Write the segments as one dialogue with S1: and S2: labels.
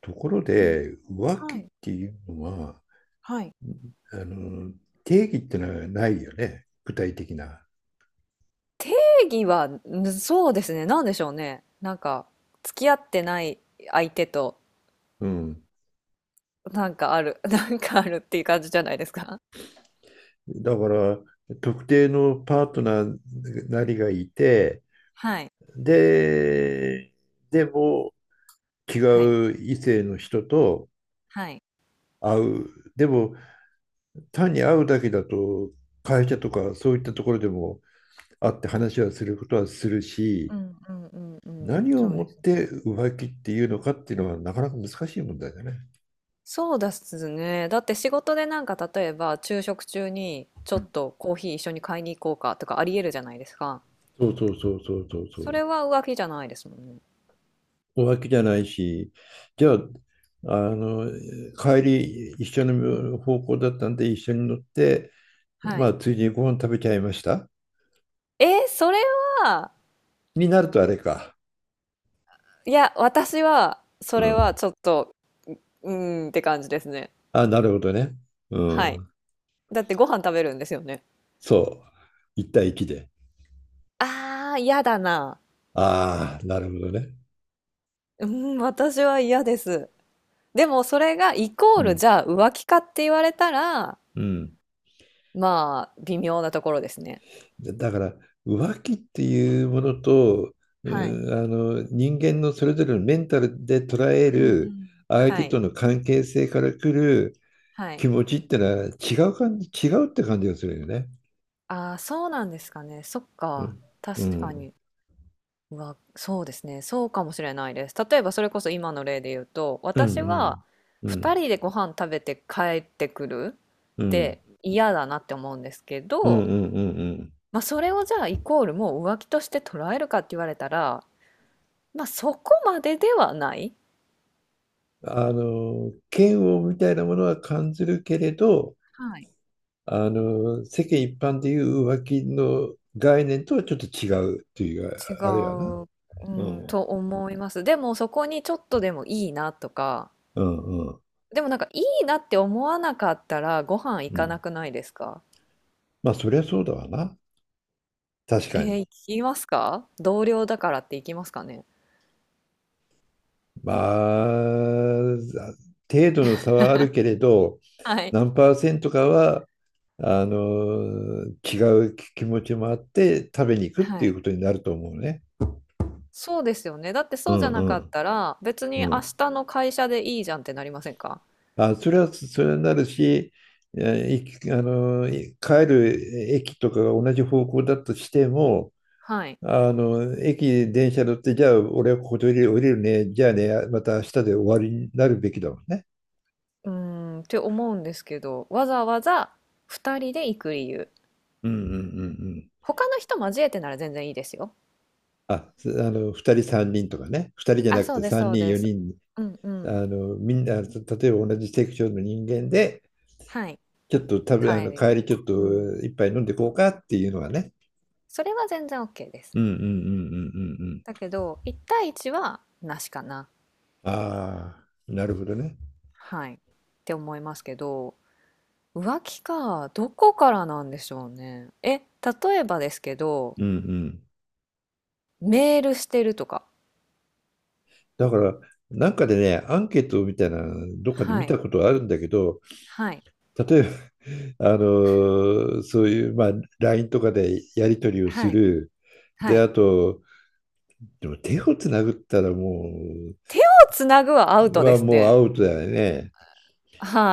S1: ところ
S2: うん。
S1: で、浮気
S2: は
S1: っ
S2: い。
S1: ていうのは、
S2: はい。
S1: あの、定義ってのはないよね、具体的な。
S2: 定義は、そうですね。なんでしょうね。なんか、付き合ってない相手と、
S1: うん。
S2: なんかある、なんかあるっていう感じじゃないですか。
S1: だから、特定のパートナーなりがいて、
S2: はい。
S1: で、でも違
S2: はい。
S1: う異性の人と
S2: はい。
S1: 会う。でも、単に会うだけだと、会社とかそういったところでも会って話はすることはする
S2: う
S1: し、
S2: んうんうんうん。
S1: 何を
S2: そう
S1: も
S2: で
S1: っ
S2: すね。
S1: て浮気っていうのかっていうのはなかなか難しい問題だね。
S2: そうですね。だって仕事でなんか例えば昼食中にちょっとコーヒー一緒に買いに行こうかとかありえるじゃないですか。
S1: そうそうそうそうそうそ
S2: そ
S1: う。
S2: れは浮気じゃないですもんね。
S1: 浮気じゃないし、じゃあ、あの、帰り一緒
S2: うん。
S1: の方向だったんで一緒に乗って、
S2: は
S1: ま
S2: い。
S1: あ、ついでにご飯食べちゃいました。
S2: えそれは、
S1: になるとあれか。
S2: いや、私は、そ
S1: う
S2: れは
S1: ん。
S2: ちょっとうーんって感じですね。
S1: あ、なるほどね。う
S2: はい。
S1: ん。
S2: だってご飯食べるんですよね。
S1: そう。一対一で。
S2: ああ、嫌だな。
S1: ああ、なるほどね。
S2: うん、私は嫌です。でもそれがイコ
S1: う
S2: ール、
S1: ん。
S2: じゃあ浮気かって言われたら、
S1: うん。
S2: まあ、微妙なところですね。
S1: だから、浮気っていうものと、
S2: はい。
S1: 人間のそれぞれのメンタルで捉え
S2: うんう
S1: る
S2: ん。
S1: 相手
S2: はい、
S1: との関係性から来る
S2: はい。
S1: 気持ちってのは違う感じ、違うって感じがするよね。
S2: ああ、そうなんですかね。そっ
S1: う
S2: か、
S1: ん。う
S2: 確か
S1: ん。
S2: に。うわ、そうですね。そうかもしれないです。例えばそれこそ今の例で言うと、
S1: う
S2: 私は
S1: ん。う
S2: 2
S1: ん。
S2: 人でご飯食べて帰ってくる
S1: うん。う
S2: っ
S1: ん。
S2: て嫌だなって思うんですけ
S1: うん。うん。
S2: ど、まあ、それをじゃあイコールもう浮気として捉えるかって言われたら、まあ、そこまでではない。
S1: 嫌悪みたいなものは感じるけれど、
S2: はい。
S1: 世間一般でいう浮気の概念とはちょっと違うっていう
S2: 違
S1: あれやな。
S2: う、う
S1: う
S2: ん、
S1: ん。
S2: と思います。でもそこにちょっとでもいいなとか、
S1: うん。うん。
S2: でもなんかいいなって思わなかったらご飯行
S1: う
S2: か
S1: ん。
S2: なくないですか。
S1: まあ、そりゃそうだわな。確
S2: え
S1: か
S2: え、
S1: に。
S2: 行きますか？同僚だからって行きますかね？
S1: まあ、程度の差はあるけれど、
S2: はい。
S1: 何パーセントかは違う気持ちもあって食べに行くって
S2: は
S1: いう
S2: い。
S1: ことになると思うね。
S2: そうですよね。だって
S1: う
S2: そうじゃ
S1: ん
S2: な
S1: う
S2: かっ
S1: ん
S2: たら、別に明
S1: うん。
S2: 日の会社でいいじゃんってなりませんか？
S1: あ、それはそれになるし、えいあの、い帰る駅とかが同じ方向だとしても、
S2: はい。
S1: 駅、電車乗って、じゃあ俺はここで降りるね、じゃあね、また明日で終わりになるべきだもんね。
S2: うーん、って思うんですけど、わざわざ2人で行く理由。
S1: うんうんうんうん。
S2: 他の人交えてなら全然いいですよ。
S1: 2人3人とかね、2人じゃ
S2: あ、
S1: なく
S2: そう
S1: て
S2: です
S1: 3
S2: そう
S1: 人
S2: です。
S1: 4人、
S2: うんうん。
S1: みんな、例えば同じセクションの人間で、
S2: はい。
S1: ちょっと食べ、
S2: 帰り
S1: 帰り
S2: に。
S1: ちょっ
S2: う
S1: と
S2: ん。
S1: 一杯飲んでこうかっていうのがね。
S2: それは全然オッケーです。
S1: うんうんうんうんうんうん、
S2: だけど、1対1はなしかな。
S1: ああ、なるほどね。
S2: はい。って思いますけど。浮気か。どこからなんでしょうね。え、例えばですけど、
S1: うんうん。
S2: メールしてるとか。
S1: だから、なんかでね、アンケートみたいな、どっかで
S2: は
S1: 見
S2: い。
S1: たことあるんだけど、
S2: はい。
S1: 例えば、そういう、まあ、LINE とかでやり取りをす
S2: はい。
S1: る。
S2: は
S1: で、
S2: い。
S1: あと、でも手をつなぐったらも
S2: 手をつなぐはアウ
S1: う、
S2: トで
S1: は
S2: す
S1: もうア
S2: ね。
S1: ウトだよね。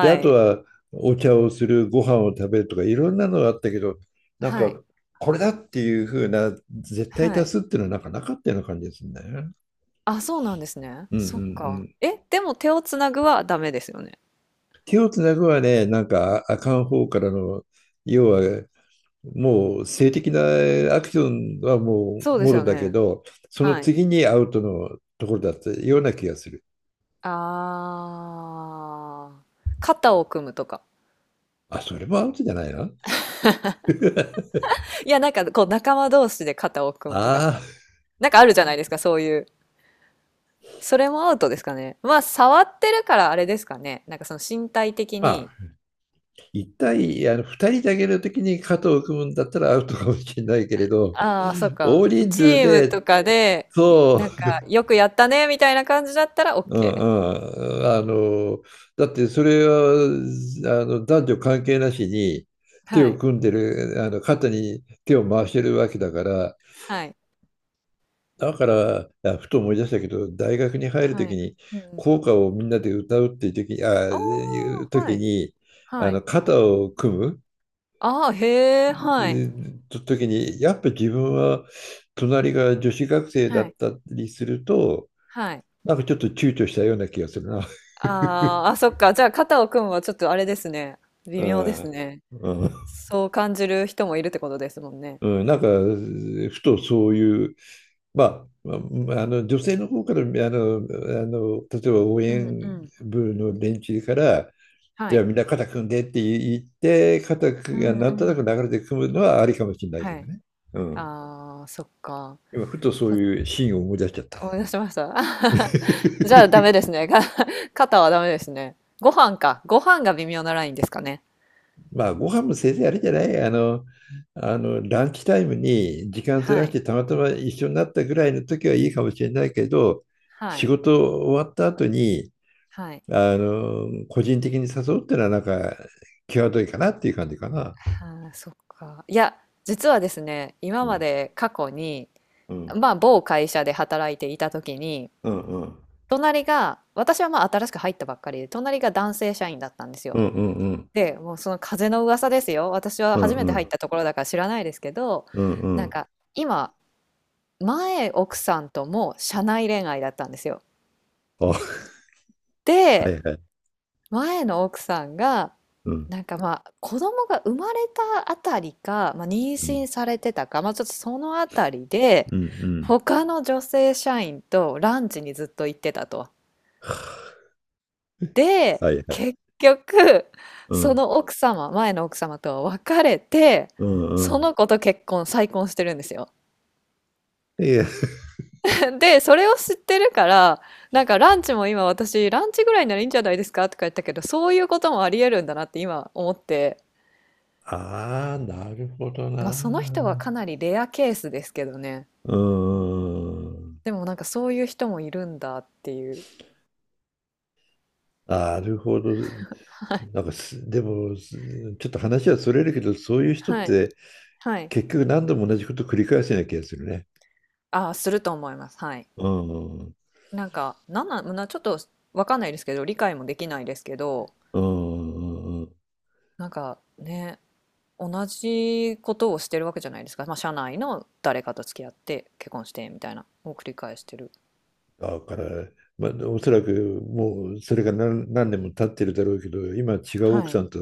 S1: で、あと
S2: い。
S1: はお茶をする、ご飯を食べるとか、いろんなのがあったけど、なん
S2: はい。
S1: か、これだっていう風な、絶対
S2: は
S1: 多
S2: い。
S1: 数っていうのはなんかなかったような感じですね。うん
S2: あ、そうなんですね。
S1: うんう
S2: そっか。
S1: ん。
S2: え、でも手をつなぐはダメですよね。
S1: 手をつなぐはね、なんか、ああかん方からの、要は、もう性的なアクションはも
S2: そう
S1: う
S2: で
S1: も
S2: す
S1: ろ
S2: よ
S1: だけ
S2: ね。
S1: ど、その
S2: はい。
S1: 次にアウトのところだったような気がする。
S2: ああ。肩を組むとか。
S1: あ、それもアウトじゃないな。
S2: いや、なんかこう仲間同士で肩を組むとか。
S1: ああ、
S2: なんかあるじゃないですか、そういう。それもアウトですかね。まあ、触ってるからあれですかね。なんかその身体的
S1: ま
S2: に、
S1: あ、二人だけの時に肩を組むんだったらアウトかもしれないけれど、
S2: ああ、そっ
S1: 大
S2: か。
S1: 人
S2: チ
S1: 数
S2: ーム
S1: で、
S2: とかで、
S1: そ
S2: なんか、よくやったね、みたいな感じだったら
S1: う、
S2: OK。
S1: だってそれは、男女関係なしに手
S2: は
S1: を
S2: い。
S1: 組んでる、肩に手を回してるわけだから、
S2: はい。
S1: だから、あふと思い出したけど、大学に入る
S2: は
S1: 時
S2: い。
S1: に、
S2: うん。
S1: 校歌をみんなで歌うっていう時に、
S2: おー、は
S1: 時
S2: い。
S1: に、
S2: はい。
S1: 肩を組む、
S2: ああ、へえ、はい。
S1: 時に、やっぱ自分は隣が女子学生だ
S2: は
S1: っ
S2: い。
S1: たりすると、
S2: はい。
S1: なんかちょっと躊躇したような気がするな。
S2: あーあ、そっか。じゃあ、肩を組むはちょっとあれですね。微
S1: う
S2: 妙です
S1: ん。
S2: ね。
S1: うん
S2: そう感じる人もいるってことですもんね。
S1: うん、なんか、ふとそういう、ままあ、女性の方から例えば応
S2: うんう
S1: 援
S2: ん。
S1: 部の連中から
S2: は
S1: じゃあ
S2: い。
S1: みんな肩組んでって言って肩
S2: う
S1: が
S2: ん
S1: なん
S2: う
S1: となく
S2: ん。
S1: 流れて組むのはありかもしれないけ
S2: は
S1: ど
S2: い。
S1: ね。うん。
S2: ああ、そっか。
S1: 今ふとそう
S2: そ
S1: いうシーンを思い出しちゃった。
S2: 思い出しました。じゃあダメで すね。肩はダメですね。ご飯か。ご飯が微妙なラインですかね。
S1: まあ、ご飯もせいぜいあれじゃない、ランチタイムに時間ず
S2: は
S1: らし
S2: い。
S1: てたまたま一緒になったぐらいの時はいいかもしれないけど、
S2: は
S1: 仕
S2: い。
S1: 事終わった後に、
S2: はい。
S1: 個人的に誘うってのはなんか、際どいかなっていう感じかな。
S2: ああ、そっか。いや、実はですね、今
S1: う
S2: ま
S1: ん
S2: で過去に、
S1: うん
S2: まあ、某会社で働いていた時に、
S1: うんうん
S2: 隣が、私はまあ新しく入ったばっかりで、隣が男性社員だったんです
S1: う
S2: よ。
S1: んうんうん
S2: で、もうその風の噂ですよ。私は
S1: うん
S2: 初めて
S1: う
S2: 入っ
S1: ん
S2: たところだから知らないですけど、
S1: うんう
S2: なん
S1: ん、
S2: か、今、前奥さんとも社内恋愛だったんですよ。
S1: あ、はい
S2: で、
S1: はい。
S2: 前の奥さんが、
S1: うん
S2: なんかまあ子供が生まれたあたりか、まあ、妊
S1: う
S2: 娠
S1: ん
S2: されてたか、まあ、ちょっとそのあたりで
S1: うんうん、
S2: 他の女性社員とランチにずっと行ってたと。で
S1: はいはい。
S2: 結局
S1: う
S2: そ
S1: ん
S2: の奥様前の奥様とは別れて
S1: うんう
S2: そ
S1: ん。
S2: の子と結婚再婚してるんですよ。
S1: いや、
S2: で、それを知ってるから、なんかランチも今私、ランチぐらいならいいんじゃないですかとか言ったけど、そういうこともありえるんだなって今思って、
S1: ああ、なるほど
S2: まあ
S1: な。
S2: その人はかなりレアケースですけどね。
S1: うーん。
S2: でもなんかそういう人もいるんだっていう。
S1: なるほど。なんかす、でも、ちょっと話はそれるけど、そういう人っ
S2: はい。
S1: て
S2: はい。
S1: 結局何度も同じこと繰り返すような気がするね。
S2: ああ、すると思います。はい。
S1: うん。うん
S2: なんか、なんなんなちょっとわかんないですけど、理解もできないですけど、
S1: うんうん。
S2: なんかね、同じことをしてるわけじゃないですか。まあ社内の誰かと付き合って結婚してみたいなを繰り返してる。
S1: だから、まあ、おそらくもうそれが何年も経ってるだろうけど、今は違う奥
S2: は
S1: さ
S2: い。
S1: んと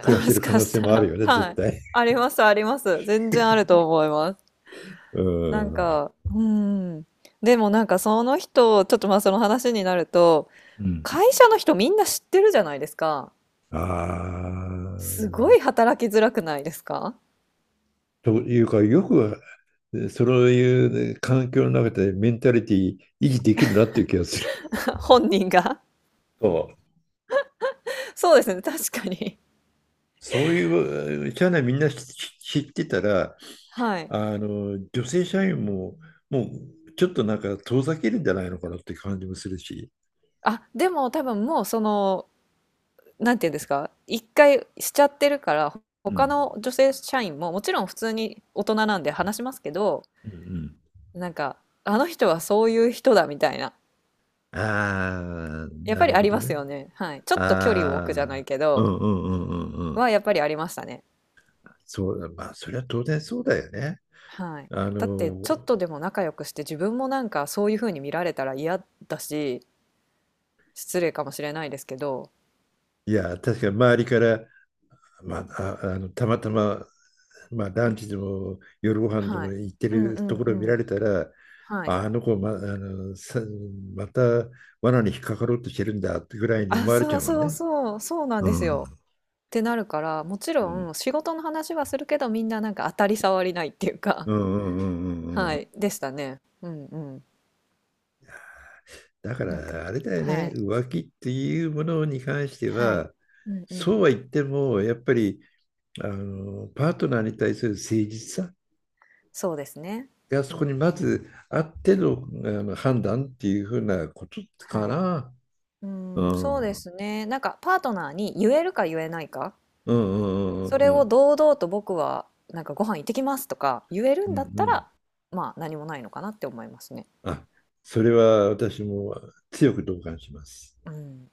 S1: 暮ら し
S2: も
S1: て
S2: し
S1: る可
S2: か
S1: 能
S2: し
S1: 性
S2: た
S1: もある
S2: ら、
S1: よね、
S2: は
S1: 絶
S2: い。
S1: 対。
S2: あります、あります。全然あると思います。
S1: う
S2: なん
S1: ん。
S2: か、うん。でもなんかその人、ちょっとまあその話になると、
S1: うん。
S2: 会社の人みんな知ってるじゃないですか。
S1: あ
S2: す
S1: あ。
S2: ごい働きづらくないですか。
S1: というか、よくそういうね環境の中でメンタリティ維持できるなっていう気がする。
S2: 本人が。
S1: そう、
S2: そうですね、確かに。
S1: そういう社内みんな知ってたら、
S2: はい。
S1: あの女性社員ももうちょっとなんか遠ざけるんじゃないのかなって感じもするし。
S2: あ、でも多分もうその、なんていうんですか、一回しちゃってるから、
S1: う
S2: 他
S1: ん
S2: の女性社員ももちろん普通に大人なんで話しますけど、
S1: うんう
S2: なんか、あの人はそういう人だみたいな。
S1: ん、ああ、
S2: やっ
S1: な
S2: ぱり
S1: る
S2: あ
S1: ほ
S2: り
S1: ど
S2: ます
S1: ね。
S2: よね。はい。ちょっと距離を置
S1: あ
S2: くじゃ
S1: あ、
S2: ないけ
S1: う
S2: ど、
S1: んうんうんうんうん。
S2: はやっぱりありましたね。
S1: そう、まあ、それは当然そうだよね。
S2: はい。
S1: あ
S2: だって、ちょっ
S1: の、
S2: とでも仲良くして自分もなんかそういう風に見られたら嫌だし、失礼かもしれないですけど、
S1: いや、確かに周りから、まあ、たまたまランチでも夜ご飯で
S2: は
S1: も
S2: い。
S1: 行って
S2: うんう
S1: るところを見
S2: んう
S1: ら
S2: ん。
S1: れたら、
S2: は
S1: あ
S2: い。
S1: あの子ま、あのさまた罠に引っかかろうとしてるんだってぐらいに
S2: あ、
S1: 思われち
S2: そ
S1: ゃ
S2: う
S1: うもん
S2: そう
S1: ね。
S2: そう、そうなん
S1: う
S2: です
S1: ん。
S2: よ。ってなるから、もち
S1: う
S2: ろん
S1: ん
S2: 仕事の話はするけど、みんななんか当たり障りないっていうか、
S1: うんうんうんうんうん、
S2: は
S1: うん
S2: い、でしたね。うんうん。
S1: だか
S2: なんか、
S1: らあれだよ
S2: は
S1: ね、
S2: い。
S1: 浮気っていうものに関して
S2: はい。
S1: は、
S2: うんうん。
S1: そうは言っても、やっぱりパートナーに対する誠実さ
S2: そうですね。
S1: が
S2: う
S1: そこ
S2: んう
S1: にま
S2: ん。
S1: ずあっての、判断っていうふうなことか
S2: はい。
S1: な。
S2: うー
S1: う
S2: ん、そうで
S1: ん。
S2: すね。なんかパートナーに言えるか言えないか、
S1: うんう
S2: そ
S1: んう
S2: れ
S1: んう
S2: を
S1: ん
S2: 堂々と僕はなんかご飯行ってきますとか言える
S1: うん
S2: ん
S1: う
S2: だっ
S1: ん
S2: た
S1: うん。
S2: ら、まあ何もないのかなって思いますね。
S1: あ、それは私も強く同感します。
S2: うん。